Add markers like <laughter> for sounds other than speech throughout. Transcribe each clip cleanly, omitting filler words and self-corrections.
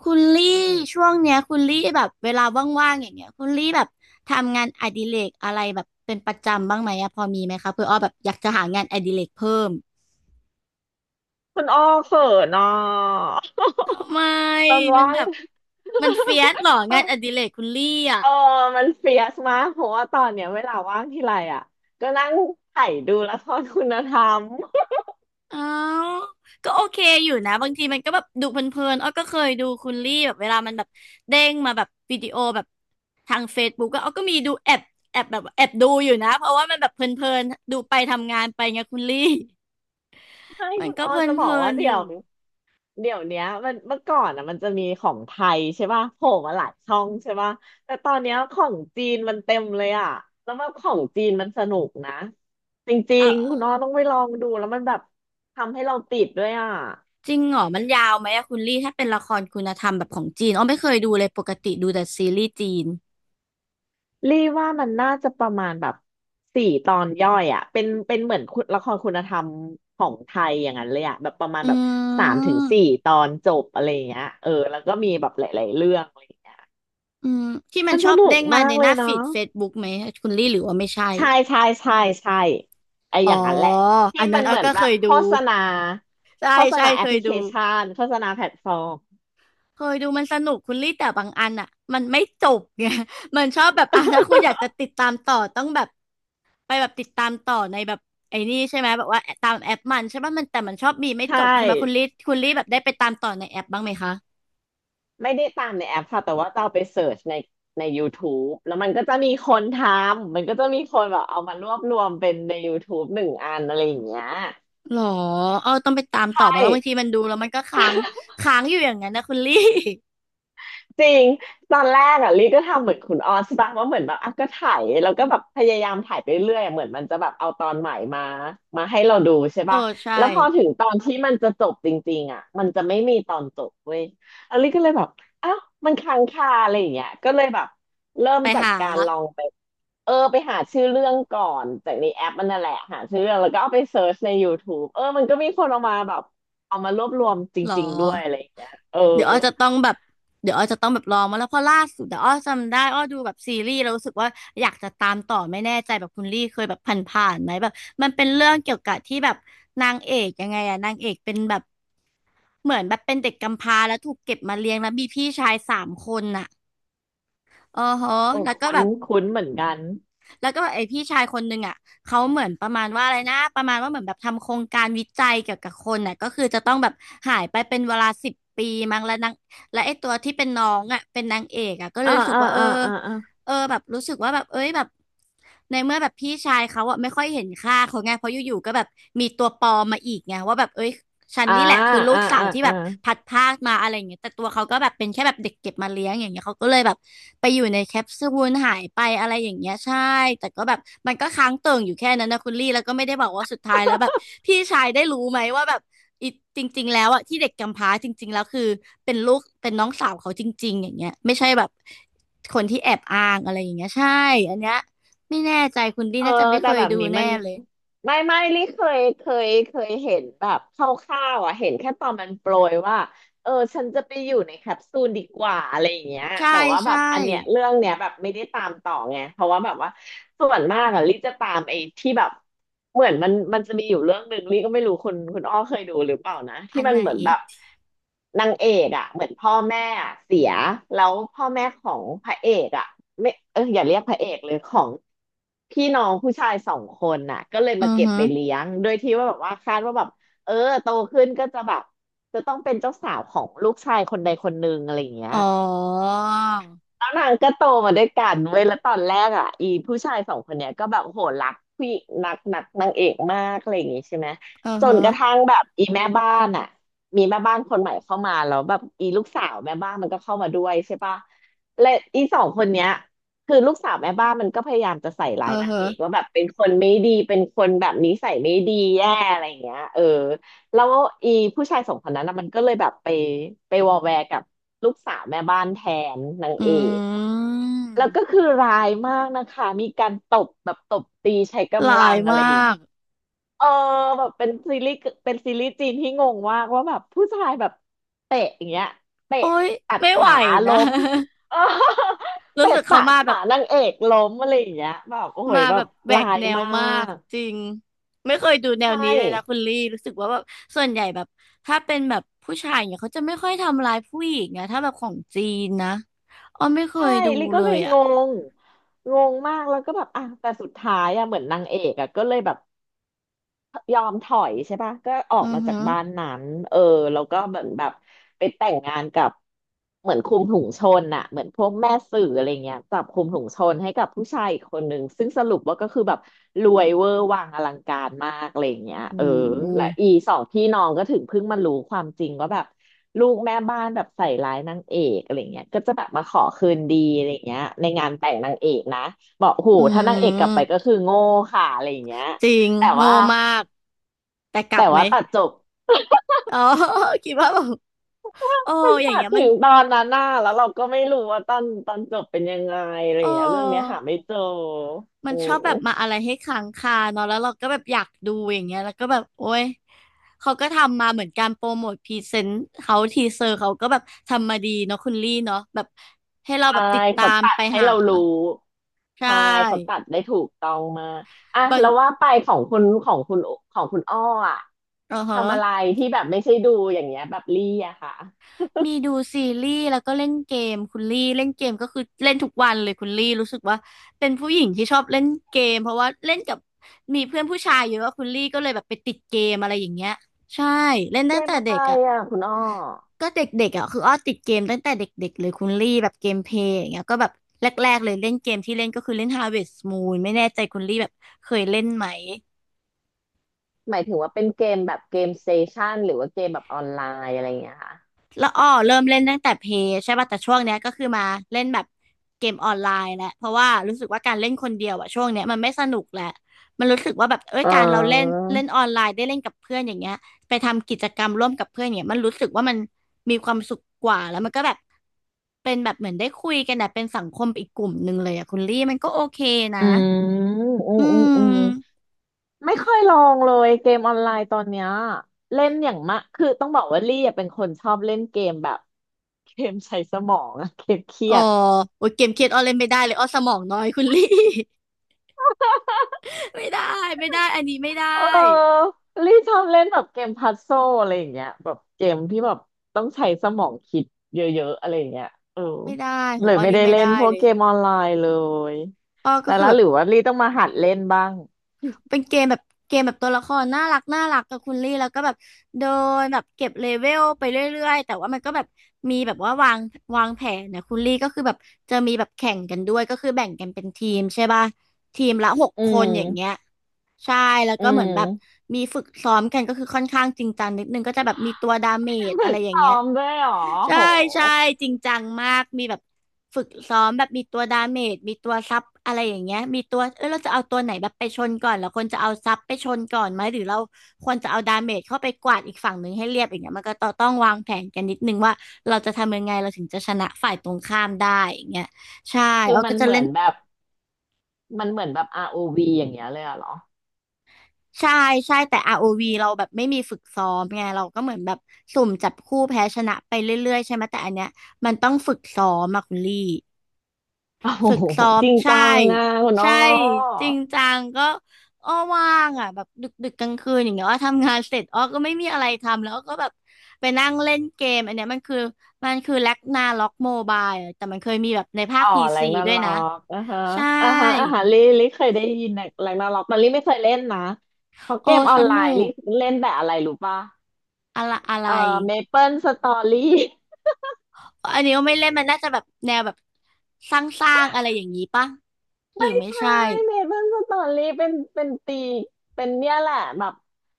คุณลี่ช่วงเนี้ยคุณลี่แบบเวลาว่างๆอย่างเงี้ยคุณลี่แบบทำงานอดิเรกอะไรแบบเป็นประจำบ้างไหมอะพอมีไหมคะเพื่ออ้อแบบอยากจะหางานอดิเรกเพิ่มคุณอ้อเขินอ่ะทำไมตอนมันว่าแบง บ <laughs> มันเฟียสเหรอต้องานองดิเรกคุณลี่อะเออมันเฟียสมากเพราะว่าตอนเนี้ยเวลาว่างทีไรอ่ะก็นั่งไถ่ดูละครคุณธรรมอ้าวก็โอเคอยู่นะบางทีมันก็แบบดูเพลินๆอ้อก็เคยดูคุณลี่แบบเวลามันแบบเด้งมาแบบวิดีโอแบบทางเฟซบุ๊กก็อ้อก็มีดูแอบแอบแบบแอบดูอยู่นะเพราะว่ามันแบบเพลินๆดูไปทำงานไปไงคุณลี่ ให้มันคุณก็อ้อเพลินจะบๆอกว่าลอเดี๋ยยู่วเดี๋ยวเนี้ยมันเมื่อก่อนอ่ะมันจะมีของไทยใช่ป่ะโผล่มาหลายช่องใช่ป่ะแต่ตอนเนี้ยของจีนมันเต็มเลยอ่ะแล้วว่าของจีนมันสนุกนะจริเอองๆคุณอ้อต้องไปลองดูแล้วมันแบบทำให้เราติดด้วยอ่ะ จริงเหรอมันยาวไหมอะคุณลี่ถ้าเป็นละครคุณธรรมแบบของจีนอ้อไม่เคยดูเลยปกติดูแต่ซีรีส์จีนรี่ว่ามันน่าจะประมาณแบบ4 ตอนย่อยอ่ะเป็นเหมือนคุณละครคุณธรรมของไทยอย่างนั้นเลยอ่ะแบบประมาณอืแบบสามถึงสี่มตอนจบอะไรอย่างเงี้ยเออแล้วก็มีแบบหลายๆเรื่องอะไรอย่างเงี้ยอืมที่มัมันนชสอบนุเด้กงมามาในกเลหยน้าฟีเนาะดเฟซบุ๊กไหมคุณลี่หรือว่าไม่ใช่ใช่ใช่ใช่ใช่ไออย่าอ๋องนั้นแหละที่อันนั้มันนอ้เหอมือนก็แบเคบยโฆดูษณาใช่โฆษใช่ณาแอเคปพยลิเคดู ชันโฆษณาแพลตฟอร์มเคยดูมันสนุกคุณลี่แต่บางอันอ่ะมันไม่จบไง <laughs> มันชอบแบบอ่ะถ้าคุณอยากจะติดตามต่อต้องแบบไปแบบติดตามต่อในแบบไอ้นี่ใช่ไหมแบบว่าตามแอปมันใช่ป่ะมันแต่มันชอบมีไม่ใช่ จบใช่ไหมคุณลี่คุณลี่แบบได้ไปตามต่อในแอปบ้างไหมคะไม่ได้ตามในแอปค่ะแต่ว่าจะเอาไปเสิร์ชในใน YouTube แล้วมันก็จะมีคนทำมันก็จะมีคนแบบเอามารวบรวมเป็นใน YouTube 1 อันอะไรอย่างเงี้ยหรอเออต้องไปตามต่ใช่ อบ้างแล้วบางทีมันดูแล้วมันก็ค้างค้างอยู่อย่างนั้นนะคุณลี่ จริงตอนแรกอ่ะลิก็ทำเหมือนคุณออสป่ะว่าเหมือนแบบอ่ะก็ถ่ายแล้วก็แบบพยายามถ่ายไปเรื่อยอะเหมือนมันจะแบบเอาตอนใหม่มาให้เราดูใช่ <laughs> เออป่ะใช่แล้วพอถึงตอนที่มันจะจบจริงๆอ่ะมันจะไม่มีตอนจบเว้ยแล้วลิก็เลยแบบอ้าวมันค้างคาอะไรอย่างเงี้ยก็เลยแบบเริ่มไปจากหาการลองไปเออไปหาชื่อเรื่องก่อนจากในแอปมันนั่นแหละหาชื่อเรื่องแล้วก็เอาไปเซิร์ชใน YouTube เออมันก็มีคนเอามาแบบเอามารวบรวมจหรอ ริงๆด้วยอะไรอย่างเงี้ยเออ เดี๋ยวอ้อจะต้องแบบเดี๋ยวอ้อจะต้องแบบลองมาแล้วเพราะล่าสุดเดี๋ยวอ้อจำได้อ้อดูแบบซีรีส์แล้วรู้สึกว่าอยากจะตามต่อไม่แน่ใจแบบคุณลี่เคยแบบผ่านๆไหมแบบมันเป็นเรื่องเกี่ยวกับที่แบบนางเอกยังไงอะนางเอกเป็นแบบเหมือนแบบเป็นเด็กกำพร้าแล้วถูกเก็บมาเลี้ยงแล้วมีพี่ชายสามคนอ่ะอ๋อฮะโอ้แล้วก็คุ้แบนบ คุ้นเหมือนกันแล้วก็ไอพี่ชายคนหนึ่งอ่ะเขาเหมือนประมาณว่าอะไรนะประมาณว่าเหมือนแบบทำโครงการวิจัยเกี่ยวกับคนน่ะก็คือจะต้องแบบหายไปเป็นเวลา10 ปีมั้งแล้วนางและไอตัวที่เป็นน้องอ่ะเป็นนางเอกอ่ะก็เลยอ่ารู้สึกอ่าว่าเอออ่าอ่าอ่าเออแบบรู้สึกว่าแบบเอ้ยแบบในเมื่อแบบพี่ชายเขาอ่ะไม่ค่อยเห็นค่าเขาไงเพราะอยู่ๆก็แบบมีตัวปลอมมาอีกไงว่าแบบเอ้ย ฉันอ่านี่แหละคือลูอ่ากสาวอ่าที่แบอ่าบพัดพรากมาอะไรอย่างเงี้ยแต่ตัวเขาก็แบบเป็นแค่แบบเด็กเก็บมาเลี้ยงอย่างเงี้ยเขาก็เลยแบบไปอยู่ในแคปซูลหายไปอะไรอย่างเงี้ยใช่แต่ก็แบบมันก็ค้างเติ่งอยู่แค่นั้นนะคุณลี่แล้วก็ไม่ได้บอกว่าสุดท้ายแล้วแบบพี่ชายได้รู้ไหมว่าแบบอีจริงๆแล้วอะที่เด็กกำพร้าจริงๆแล้วคือเป็นลูกเป็นน้องสาวเขาจริงๆอย่างเงี้ยไม่ใช่แบบคนที่แอบอ้างอะไรอย่างเงี้ยใช่อันเนี้ยไม่แน่ใจคุณลี่เออน่าจะไม่เคแต่ยแบบดูนี้มันแน่เลยไม่ลี่เคยเห็นแบบคร่าวๆอ่ะเห็นแค่ตอนมันโปรยว่า เออฉันจะไปอยู่ในแคปซูลดีกว่าอะไรอย่างเงี้ยใช่แต่ว่าแบใช่บอันเนี้ยเรื่องเนี้ยแบบไม่ได้ตามต่อไงเพราะว่าแบบว่าส่วนมากอะลิจะตามไอ้ที่แบบเหมือนมันจะมีอยู่เรื่องหนึ่งลิก็ไม่รู้คุณอ้อเคยดูหรือเปล่านะอัที่นมัไหนนเหมือนแบบนางเอกอะเหมือนพ่อแม่อะเสียแล้วพ่อแม่ของพระเอกอะไม่เอออย่าเรียกพระเอกเลยของพี่น้องผู้ชายสองคนน่ะก็เลยอืมาอเก็บฮึ ไปเลี้ยงโดยที่ว่าแบบว่าคาดว่าแบบเออโตขึ้นก็จะแบบ จะต้องเป็นเจ้าสาวของลูกชายคนใดคนหนึ่งอะไรอย่างเงี้ยอ๋อแล้วนางก็โตมาด้วยกันเว้ยแล้วตอนแรกอ่ะอีผู้ชายสองคนเนี้ยก็แบบโหรักผู้หญิงนักนักนางเอกมากอะไรอย่างงี้ใช่ไหมเออจนฮะกระทั่งแบบอีแม่บ้านอ่ะมีแม่บ้านคนใหม่เข้ามาแล้วแบบอีลูกสาวแม่บ้านมันก็เข้ามาด้วยใช่ปะและอีสองคนเนี้ยคือลูกสาวแม่บ้านมันก็พยายามจะใส่เอร้าอยนางฮะเอกว่าแบบเป็นคนไม่ดีเป็นคนแบบนิสัยไม่ดีแย่อะไรอย่างเงี้ยเออ แล้วอีผู้ชายสองคนนั้นนะมันก็เลยแบบไปวอแวร์กับลูกสาวแม่บ้านแทนนางอืเอกแล้วก็มคือร้ายมากนะคะมีการตบแบบตบตีใช้หลากำลัยงอะมาไรอย่างเงี้กยเออแบบเป็นซีรีส์จีนที่งงมากว่าแบบผู้ชายแบบเตะอย่างเงี้ยเตะโอ้ยตัดไม่ไหวขานะ ล้มเออ <laughs> รู้เตะสึกเขาตะมาแบขาบนางเอกล้มอะไรอย่างเงี้ยแบบโอ้ยมาแบแบบบแหวร้ากยแนวมามากกจริง ไม่เคยดูแนวใช่ นี้เลยนะคุณลี่รู้สึกว่าแบบส่วนใหญ่แบบถ้าเป็นแบบผู้ชายเนี่ยเขาจะไม่ค่อยทำร้ายผู้หญิงนะถ้าแบบของจีนนะอ้อไม่เคใช่ยดูลิก็เลเลยยอ่ะงง งงมากแล้วก็แบบอ่ะแต่สุดท้ายอ่ะเหมือนนางเอกอ่ะก็เลยแบบ ยอมถอยใช่ปะก็อออืกอมาฮึจากบ้านนั้นเออแล้วก็เหมือนแบบไปแต่งงานกับเหมือนคุมถุงชนอะเหมือนพวกแม่สื่ออะไรเงี้ยจับคุมถุงชนให้กับผู้ชายอีกคนนึงซึ่งสรุปว่าก็คือแบบรวยเวอร์วังอลังการมากอะไรเงี้ยโอ้เออโหและอี2 พี่น้องก็ถึงเพิ่งมารู้ความจริงว่าแบบลูกแม่บ้านแบบใส่ร้ายนางเอกอะไรเงี้ยก็จะแบบมาขอคืนดีอะไรเงี้ยในงานแต่งนางเอกนะบอกโหอืถ้านางเอกกลับไปมก็คือโง่ค่ะอะไรเงี้ยจริงแต่โง่ว่า มากแต่กลับไหมตัดจบ <laughs> อ๋อ <laughs> คิดว่าแบบ เออมันอย่าตังดเงี้ยถึมันงตอนนั้นน่ะแล้วเราก็ไม่รู้ว่าตอนจบเป็นยังไงอะไรเอย่างเงี้ยเรื่องเนี้ยออหาไม่เจอมันโอ้ชอบแบบมาอะไรให้ค้างคาเนาะแล้วเราก็แบบอยากดูอย่างเงี้ยแล้วก็แบบโอ้ย เขาก็ทำมาเหมือนการโปรโมทพรีเซนต์เขาทีเซอร์เขาก็แบบทำมาดีเนาะคุณลี่เนาะแบบให้เราแบใช่บติดตาเขามตัไปดให้หาเรารู้ใชใช่เขา่ตัดได้ถูกต้องมากอ่ะบางแล้วว่าไปของคุณอ้ออะเออทำอะไรฮะ ที่แบบไม่ใช่ดูอย่างเงี้ยแบบลี่อะค่ะมีดูซีรีส์แล้วก็เล่นเกมคุณลี่เล่นเกมก็คือเล่นทุกวันเลยคุณลี่รู้สึกว่าเป็นผู้หญิงที่ชอบเล่นเกมเพราะว่าเล่นกับมีเพื่อนผู้ชายเยอะคุณลี่ก็เลยแบบไปติดเกมอะไรอย่างเงี้ยใช่เล่นเกตั้งมแต่อะเด็ไรกอ่ะอะคุณอ้อก็เด็กๆอ่ะคืออ้อติดเกมตั้งแต่เด็กๆเลยคุณลี่แบบเกมเพลย์อย่างเงี้ยก็แบบแรกๆเลยเล่นเกมที่เล่นก็คือเล่น Harvest Moon ไม่แน่ใจคุณลี่แบบเคยเล่นไหม หมายถึงว่าเป็นเกมแบบเกมสเตชันหรือว่าเกมแบบออนไลน์อะไรอย่างเงี้ยค่ะแล้วอ้อเริ่มเล่นตั้งแต่เพย์ใช่ป่ะแต่ช่วงเนี้ยก็คือมาเล่นแบบเกมออนไลน์แหละเพราะว่ารู้สึกว่าการเล่นคนเดียวอะช่วงเนี้ยมันไม่สนุกแหละมันรู้สึกว่าแบบเอ้ยอ๋อ การเราเล่นเล่นออนไลน์ได้เล่นกับเพื่อนอย่างเงี้ยไปทำกิจกรรมร่วมกับเพื่อนอย่างเงี้ยมันรู้สึกว่ามันมีความสุขกว่าแล้วมันก็แบบเป็นแบบเหมือนได้คุยกันนะเป็นสังคมอีกกลุ่มหนึ่งเลยอะคุณลี่มันก็โอเคนะอืมอือืมอืมอืมมไม่ค่อยลองเลยเกมออนไลน์ตอนเนี้ยเล่นอย่างมะคือต้องบอกว่าลี่อะเป็นคนชอบเล่นเกมแบบเกมใช้สมองอะเกมเครีอ๋อยดโอ้ยเกมเครียดอ้อเล่นไม่ได้เลยอ้อสมองน้อยคุณลี่ <laughs> ไม่ได้ไม่ได้อันนี้ไม่ได้ เออลี่ชอบเล่นแบบเกมพัซโซลอะไรอย่างเงี้ยแบบเกมที่แบบต้องใช้สมองคิดเยอะๆอะไรอย่างเงี้ยเออไม่ได้ขอเลงยอ้อไม่นี่ได้ไม่เล่ได้นพวกเลยเกมออนไลน์เลยอ้อก็แต่คือละแบบหรือว่าลี่ต้องมาหัดเล่นบ้างเป็นเกมแบบตัวละครน่ารักน่ารักกับคุณลี่แล้วก็แบบเดินแบบเก็บเลเวลไปเรื่อยๆแต่ว่ามันก็แบบมีแบบว่าวางแผนนะคุณลี่ก็คือแบบจะมีแบบแข่งกันด้วยก็คือแบ่งกันเป็นทีมใช่ป่ะทีมละหกอืคนอย่างเงี้ยมใช่แล้วอืก็เหมือนแบบมมีฝึกซ้อมกันก็คือค่อนข้างจริงจังนิดนึงก็จะแบบมีตัวดาเมจฝึอะไรกอย่างซ้อเงี้ย มด้วยเหรอใช่โห ใช่จริงจังมากมีแบบฝึกซ้อมแบบมีตัวดาเมจมีตัวซับอะไรอย่างเงี้ยมีตัวเราจะเอาตัวไหนแบบไปชนก่อนแล้วคนจะเอาซับไปชนก่อนไหมหรือเราควรจะเอาดาเมจเข้าไปกวาดอีกฝั่งหนึ่งให้เรียบอย่างเงี้ยมันก็ต้องวางแผนกันนิดนึงว่าเราจะทำยังไงเราถึงจะชนะฝ่ายตรงข้ามได้อย่างเงี้ยใช่คือเรามัก็นจะเหมืเล่อนนแบบมันเหมือนแบบ ROV อวีอย่างเงี้ยเลยอะเหรอใช่ใช่แต่อาร์โอวีเราแบบไม่มีฝึกซ้อมไงเราก็เหมือนแบบสุ่มจับคู่แพ้ชนะไปเรื่อยๆใช่ไหมแต่อันเนี้ยมันต้องฝึกซ้อมอะคุณลี่ โอ้โหฝึกซ้อมจริงใช่จังอ่ะคุณอ้ใช่อจริงจังก็อ้อว่างอ่ะแบบดึกดึกกลางคืนอย่างเงี้ยอ้อทำงานเสร็จอ้อก็ไม่มีอะไรทำแล้วอ้อก็แบบไปนั่งเล่นเกมอันเนี้ยมันคือแล็กนาล็อกโมบายแต่มันเคยมีแบบในภาอ๋คอพีแรซีงดัด้วนายล็อนะกอ่ะฮะใช่อ่ะฮะอ่ะฮะลิเคยได้ยินแรงแรงดันาล็อกแต่ลี่ไม่เคยเล่นนะ เพราะโอ้เกมอสอนไลนุน์ลี่กเล่นแต่อะไรรู้ป่ะอะไรอะไรเอ่อเมเปิลสตอรี่ อันนี้ก็ไม่เล่นมันน่าจะแบบแนวแบบสร้างๆอะไรอย่างนี้ปะหรือไม่ไม่ใช่ใช่เมดเปิ้ลสตอรี่เป็นเป็นตีเป็นเนี่ยแหละแบบ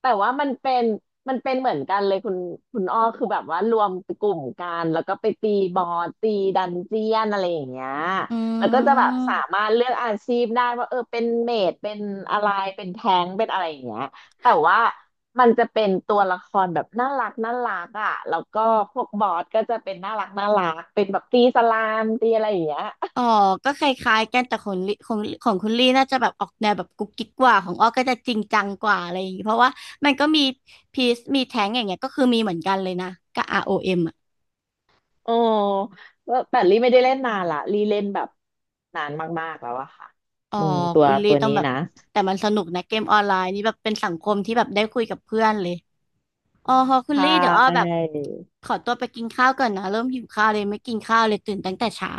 แต่ว่ามันเป็นมันเป็นเหมือนกันเลยคุณอ้อคือแบบว่ารวมกลุ่มกันแล้วก็ไปตีบอสตีดันเจียนอะไรอย่างเงี้ยอืแล้วก็จะแบบสาม มารถเลือกอาชีพได้ว่าเออเป็นเมดเป็นอะไรเป็นแทงค์เป็นอะไรอย่างเงี้ยแต่ว่ามันจะเป็นตัวละครแบบน่ารักน่ารักอ่ะแล้วก็พวกบอสก็จะเป็นน่ารักน่ารักเป็นแบบตีสลามตีอะไรอย่างเงี้ย อ๋อก็คล้ายๆกันแต่ของลิของของคุณลี่น่าจะแบบออกแนวแบบกุ๊กกิ๊กกว่าของอ้อก็จะจริงจังกว่าอะไรอย่างงี้เพราะว่ามันก็มีพีซมีแท้งอย่างเงี้ยก็คือมีเหมือนกันเลยนะกับอ o m อเอ็มอ่ะโอ้ว่าแต่ลี่ไม่ได้เล่นนานละลี่เล่นแบบนานมากๆแล้วอะค่ะอ๋ออืมตัวคุณลี่ตัวต้องนี้แบบนะแต่มันสนุกนะเกมออนไลน์นี่แบบเป็นสังคมที่แบบได้คุยกับเพื่อนเลยอ๋อพอคุณใช่ลี่เดี๋ยวอ้อแบบขอตัวไปกินข้าวก่อนนะเริ่มหิวข้าวเลยไม่กินข้าวเลยตื่นตั้งแต่เช้า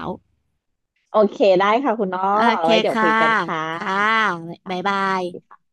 โอเคได้ค่ะคุณน้อโอเอาเคไว้เดี๋ยวคุค่ะยกันค่ะค่ะค่บ๊ายบายะ